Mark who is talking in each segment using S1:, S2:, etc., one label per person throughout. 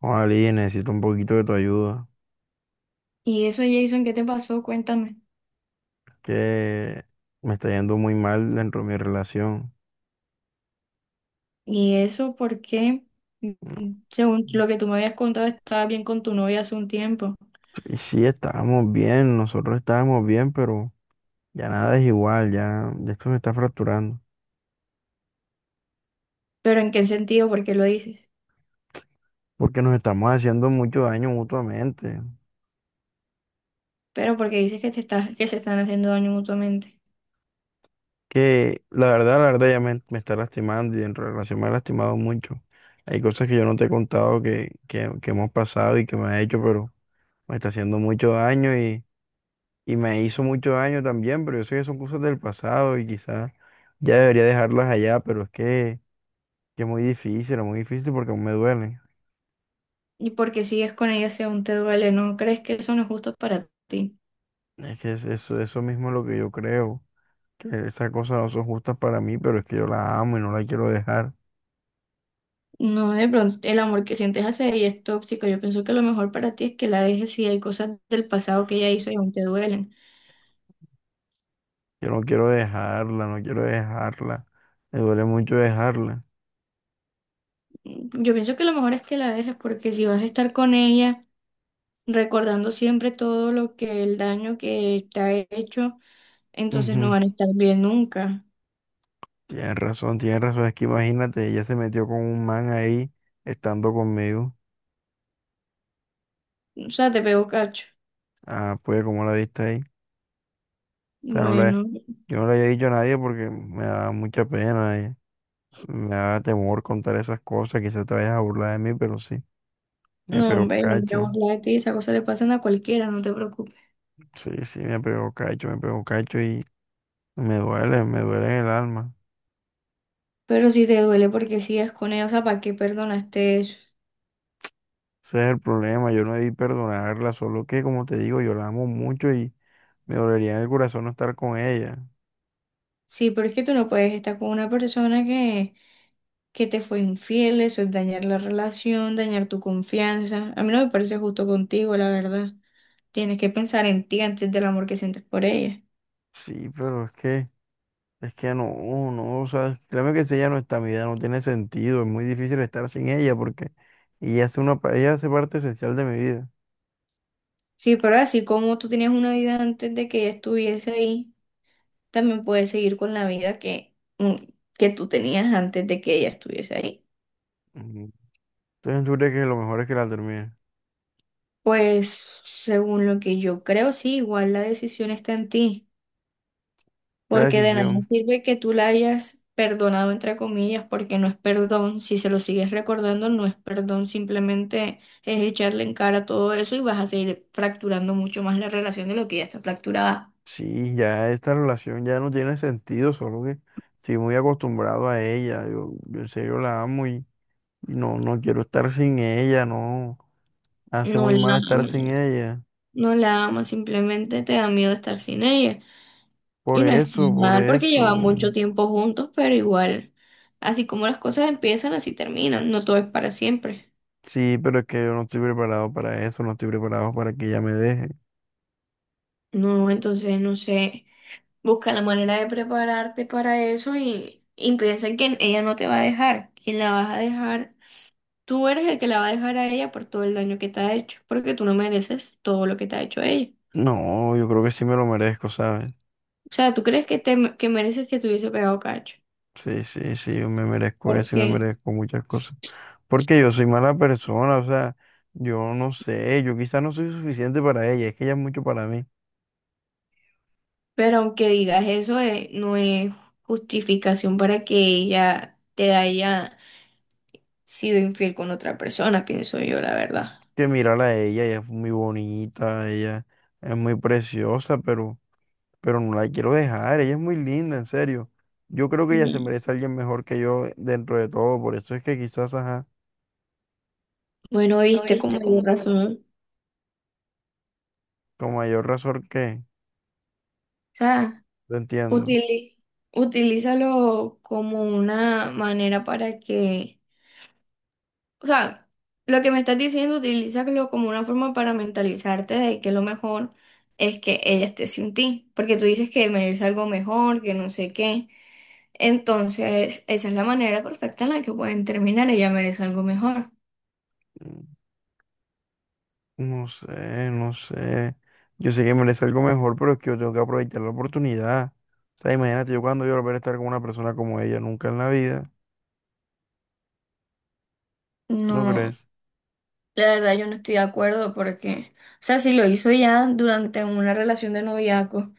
S1: Ali, necesito un poquito de tu ayuda,
S2: Y eso, Jason, ¿qué te pasó? Cuéntame.
S1: que me está yendo muy mal dentro de mi relación.
S2: Y eso porque,
S1: No,
S2: según lo que tú me habías contado, estabas bien con tu novia hace un tiempo.
S1: y sí, estábamos bien, nosotros estábamos bien, pero ya nada es igual, ya esto se está fracturando,
S2: Pero ¿en qué sentido? ¿Por qué lo dices?
S1: porque nos estamos haciendo mucho daño mutuamente,
S2: Pero porque dices que que se están haciendo daño mutuamente.
S1: que la verdad ya me está lastimando y en relación me ha lastimado mucho. Hay cosas que yo no te he contado que hemos pasado y que me ha hecho, pero me está haciendo mucho daño y me hizo mucho daño también, pero yo sé que son cosas del pasado y quizás ya debería dejarlas allá, pero es que es muy difícil porque aún me duele.
S2: Y porque sigues con ella si aún te duele, ¿no crees que eso no es justo para ti?
S1: Es que es eso, eso mismo es lo que yo creo, que esas cosas no son justas para mí, pero es que yo la amo y no la quiero dejar.
S2: No, de pronto, el amor que sientes hacia ella es tóxico. Yo pienso que lo mejor para ti es que la dejes si hay cosas del pasado que ella hizo y aún te duelen.
S1: Yo no quiero dejarla, no quiero dejarla. Me duele mucho dejarla.
S2: Yo pienso que lo mejor es que la dejes porque si vas a estar con ella, recordando siempre todo lo que el daño que te ha hecho, entonces no
S1: Ujú.
S2: van a estar bien nunca.
S1: Tienes razón, tienes razón. Es que imagínate, ella se metió con un man ahí, estando conmigo.
S2: O sea, te pego cacho.
S1: Ah, pues, ¿cómo la viste ahí? O sea,
S2: Bueno,
S1: yo no le había dicho a nadie porque me da mucha pena. Me da temor contar esas cosas. Quizás te vayas a burlar de mí, pero sí, me
S2: no,
S1: pegó
S2: hombre, no me voy a
S1: cacho.
S2: burlar de ti, esas cosas le pasan a cualquiera, no te preocupes.
S1: Sí, sí, me pegó cacho y me duele en el alma.
S2: Pero si te duele porque sigues con ella, o sea, ¿para qué perdonaste eso?
S1: Ese es el problema, yo no debí perdonarla, solo que, como te digo, yo la amo mucho y me dolería en el corazón no estar con ella.
S2: Sí, pero es que tú no puedes estar con una persona que te fue infiel, eso es dañar la relación, dañar tu confianza. A mí no me parece justo contigo, la verdad. Tienes que pensar en ti antes del amor que sientes por ella.
S1: Sí, pero es que. Es que no, no, o sea, créeme que si ella no está, mi vida no tiene sentido, es muy difícil estar sin ella porque ella hace ella hace parte esencial de mi vida.
S2: Sí, pero así como tú tenías una vida antes de que ella estuviese ahí, también puedes seguir con la vida que tú tenías antes de que ella estuviese ahí.
S1: Ujú. Entonces yo creo que lo mejor es que la termine.
S2: Pues según lo que yo creo, sí, igual la decisión está en ti,
S1: La
S2: porque de nada
S1: decisión,
S2: sirve que tú la hayas perdonado, entre comillas, porque no es perdón. Si se lo sigues recordando, no es perdón, simplemente es echarle en cara todo eso y vas a seguir fracturando mucho más la relación de lo que ya está fracturada.
S1: sí, ya esta relación ya no tiene sentido, solo que estoy muy acostumbrado a ella, yo en serio la amo y no, no quiero estar sin ella, no, hace
S2: No
S1: muy
S2: la
S1: mal estar
S2: amas,
S1: sin ella.
S2: no la amas, simplemente te da miedo estar sin ella.
S1: Por
S2: Y no es
S1: eso, por
S2: mal porque
S1: eso.
S2: llevan mucho tiempo juntos, pero igual, así como las cosas empiezan, así terminan. No todo es para siempre.
S1: Sí, pero es que yo no estoy preparado para eso, no estoy preparado para que ella me deje.
S2: No, entonces, no sé, busca la manera de prepararte para eso y piensa que ella no te va a dejar. Quien la vas a dejar, tú eres el que la va a dejar a ella por todo el daño que te ha hecho, porque tú no mereces todo lo que te ha hecho ella.
S1: No, yo creo que sí me lo merezco, ¿sabes?
S2: O sea, ¿tú crees que, que mereces que te hubiese pegado cacho?
S1: Sí, sí, sí, yo me merezco eso y me
S2: Porque
S1: merezco muchas cosas. Porque yo soy mala persona, o sea, yo no sé, yo quizás no soy suficiente para ella, es que ella es mucho para mí.
S2: pero aunque digas eso, no es justificación para que ella te haya sido infiel con otra persona, pienso yo, la verdad.
S1: Que mirarla a ella, ella es muy bonita, ella es muy preciosa, pero no la quiero dejar, ella es muy linda, en serio. Yo creo que ella se
S2: Ujú.
S1: merece a alguien mejor que yo dentro de todo, por eso es que quizás, ajá,
S2: Bueno,
S1: lo
S2: viste con
S1: viste como
S2: mayor
S1: yo,
S2: razón.
S1: con mayor razón que,
S2: O sea,
S1: lo entiendo.
S2: utili- utilízalo como una manera para que, o sea, lo que me estás diciendo, utilízalo como una forma para mentalizarte de que lo mejor es que ella esté sin ti, porque tú dices que merece algo mejor, que no sé qué. Entonces, esa es la manera perfecta en la que pueden terminar. Ella merece algo mejor.
S1: Mm. No sé, no sé. Yo sé que merece algo mejor, pero es que yo tengo que aprovechar la oportunidad. O sea, imagínate yo cuando yo volver a estar con una persona como ella nunca en la vida, ¿no
S2: No,
S1: crees?
S2: la verdad yo no estoy de acuerdo porque, o sea, si lo hizo ya durante una relación de noviazgo,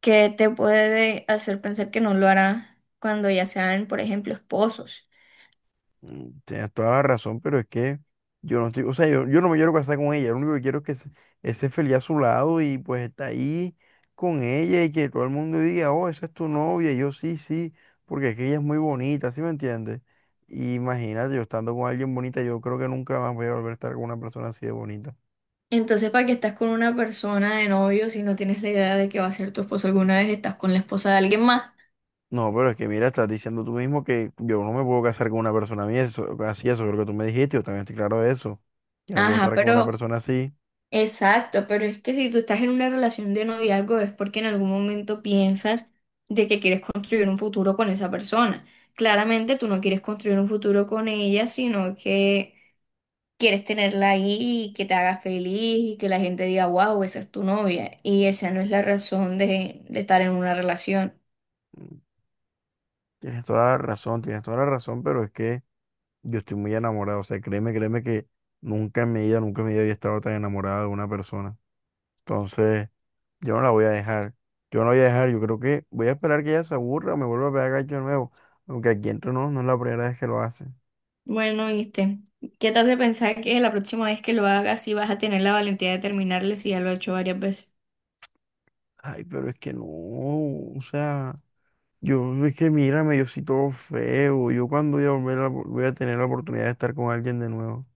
S2: ¿qué te puede hacer pensar que no lo hará cuando ya sean, por ejemplo, esposos?
S1: Tienes toda la razón, pero es que yo no estoy, o sea, yo no me quiero casar con ella, lo único que quiero es que esté feliz a su lado y pues está ahí con ella y que todo el mundo diga, oh, esa es tu novia, y yo sí, sí, porque es que ella es muy bonita, ¿sí me entiendes? Y imagínate, yo estando con alguien bonita, yo creo que nunca más voy a volver a estar con una persona así de bonita.
S2: Entonces, ¿para qué estás con una persona de novio si no tienes la idea de que va a ser tu esposo alguna vez? Estás con la esposa de alguien más.
S1: No, pero es que mira, estás diciendo tú mismo que yo no me puedo casar con una persona mía, así, eso es lo que tú me dijiste, yo también estoy claro de eso. Yo no puedo
S2: Ajá,
S1: estar con una
S2: pero...
S1: persona así.
S2: Exacto, pero es que si tú estás en una relación de noviazgo es porque en algún momento piensas de que quieres construir un futuro con esa persona. Claramente tú no quieres construir un futuro con ella, sino que quieres tenerla ahí y que te haga feliz y que la gente diga, wow, esa es tu novia. Y esa no es la razón de estar en una relación.
S1: Mm, Tienes toda la razón, tienes toda la razón, pero es que yo estoy muy enamorado, o sea, créeme que nunca en mi vida, nunca en mi vida había estado tan enamorado de una persona. Entonces, yo no la voy a dejar, yo no la voy a dejar, yo creo que voy a esperar que ella se aburra o me vuelva a pegar gacho de nuevo, aunque aquí entre no, no es la primera vez que lo hace.
S2: Bueno, viste, ¿qué te hace pensar que la próxima vez que lo hagas sí vas a tener la valentía de terminarle si ya lo he hecho varias veces?
S1: Ay, pero es que no, o sea. Yo, es que mírame, yo soy todo feo. Yo cuando voy a tener la oportunidad de estar con alguien de nuevo.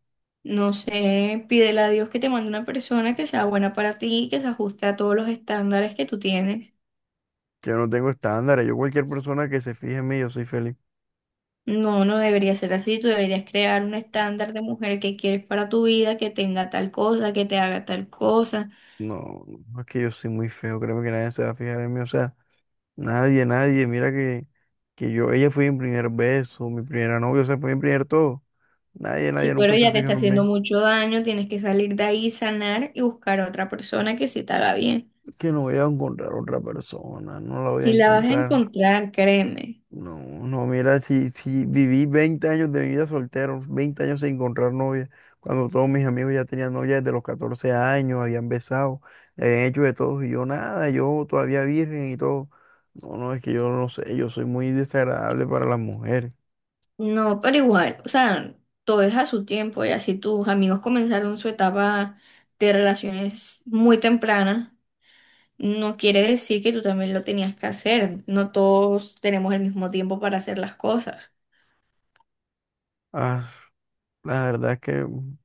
S2: No sé, pídele a Dios que te mande una persona que sea buena para ti, que se ajuste a todos los estándares que tú tienes.
S1: Yo no tengo estándares. Yo cualquier persona que se fije en mí, yo soy feliz.
S2: No, no debería ser así. Tú deberías crear un estándar de mujer que quieres para tu vida, que tenga tal cosa, que te haga tal cosa.
S1: No, no es que yo soy muy feo. Créeme que nadie se va a fijar en mí. O sea, nadie, nadie. Mira que yo, ella fue mi primer beso, mi primera novia, o sea, fue mi primer todo. Nadie,
S2: Si
S1: nadie
S2: pero
S1: nunca se ha
S2: ya te está
S1: fijado en
S2: haciendo
S1: mí.
S2: mucho daño, tienes que salir de ahí, sanar y buscar a otra persona que sí te haga bien.
S1: Que no voy a encontrar otra persona, no la voy a
S2: Si la vas a
S1: encontrar.
S2: encontrar, créeme.
S1: No, no, mira, si, si viví 20 años de mi vida soltero, 20 años sin encontrar novia, cuando todos mis amigos ya tenían novia desde los 14 años, habían besado, habían hecho de todo, y yo nada, yo todavía virgen y todo. No, no, es que yo no sé, yo soy muy desagradable para las mujeres.
S2: No, pero igual, o sea, todo es a su tiempo. Y así tus amigos comenzaron su etapa de relaciones muy temprana, no quiere decir que tú también lo tenías que hacer. No todos tenemos el mismo tiempo para hacer las cosas.
S1: Ah, la verdad es que, mm,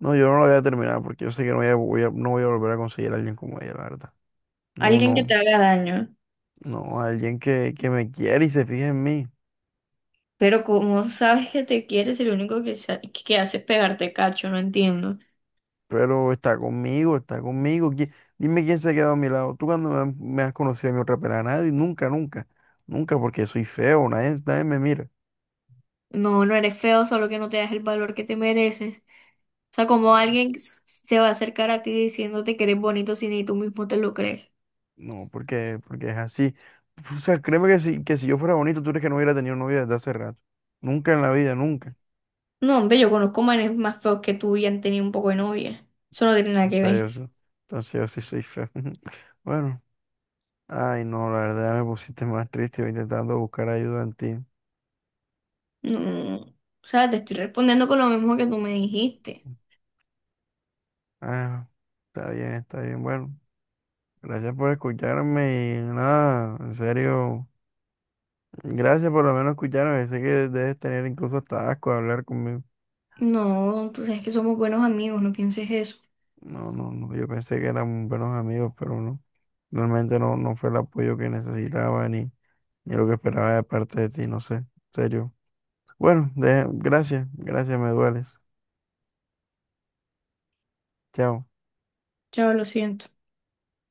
S1: no, yo no lo voy a terminar porque yo sé que no voy a, voy a- no voy a volver a conseguir a alguien como ella, la verdad. No,
S2: Alguien que te
S1: no,
S2: haga daño,
S1: no, alguien que me quiere y se fije en mí.
S2: pero como sabes que te quieres, el único que, que hace es pegarte cacho, no entiendo.
S1: Pero está conmigo, está conmigo. Dime quién se ha quedado a mi lado. Tú cuando me has conocido a mi otra pera, nadie, nunca, nunca, nunca, porque soy feo, nadie, nadie me mira.
S2: No, no eres feo, solo que no te das el valor que te mereces. O sea, como alguien se va a acercar a ti diciéndote que eres bonito si ni tú mismo te lo crees.
S1: No, porque es así. O sea, créeme que que si yo fuera bonito, tú crees que no hubiera tenido novia desde hace rato. Nunca en la vida, nunca.
S2: No, hombre, yo conozco manes más feos que tú y han tenido un poco de novia. Eso no tiene nada
S1: O
S2: que
S1: sea,
S2: ver.
S1: entonces yo sí soy feo. Bueno, ay, no, la verdad me pusiste más triste yo intentando buscar ayuda en ti.
S2: No, no, no, no, o sea, te estoy respondiendo con lo mismo que tú me dijiste.
S1: Ah, está bien, bueno. Gracias por escucharme y nada, en serio, gracias por lo menos escucharme. Sé que debes tener incluso hasta asco de hablar conmigo.
S2: No, tú sabes que somos buenos amigos, no pienses eso.
S1: No, no, no, yo pensé que éramos buenos amigos, pero no. Realmente no, no fue el apoyo que necesitaba ni lo que esperaba de parte de ti, no sé, en serio. Bueno, gracias, gracias, me dueles. Chao.
S2: Ya lo siento.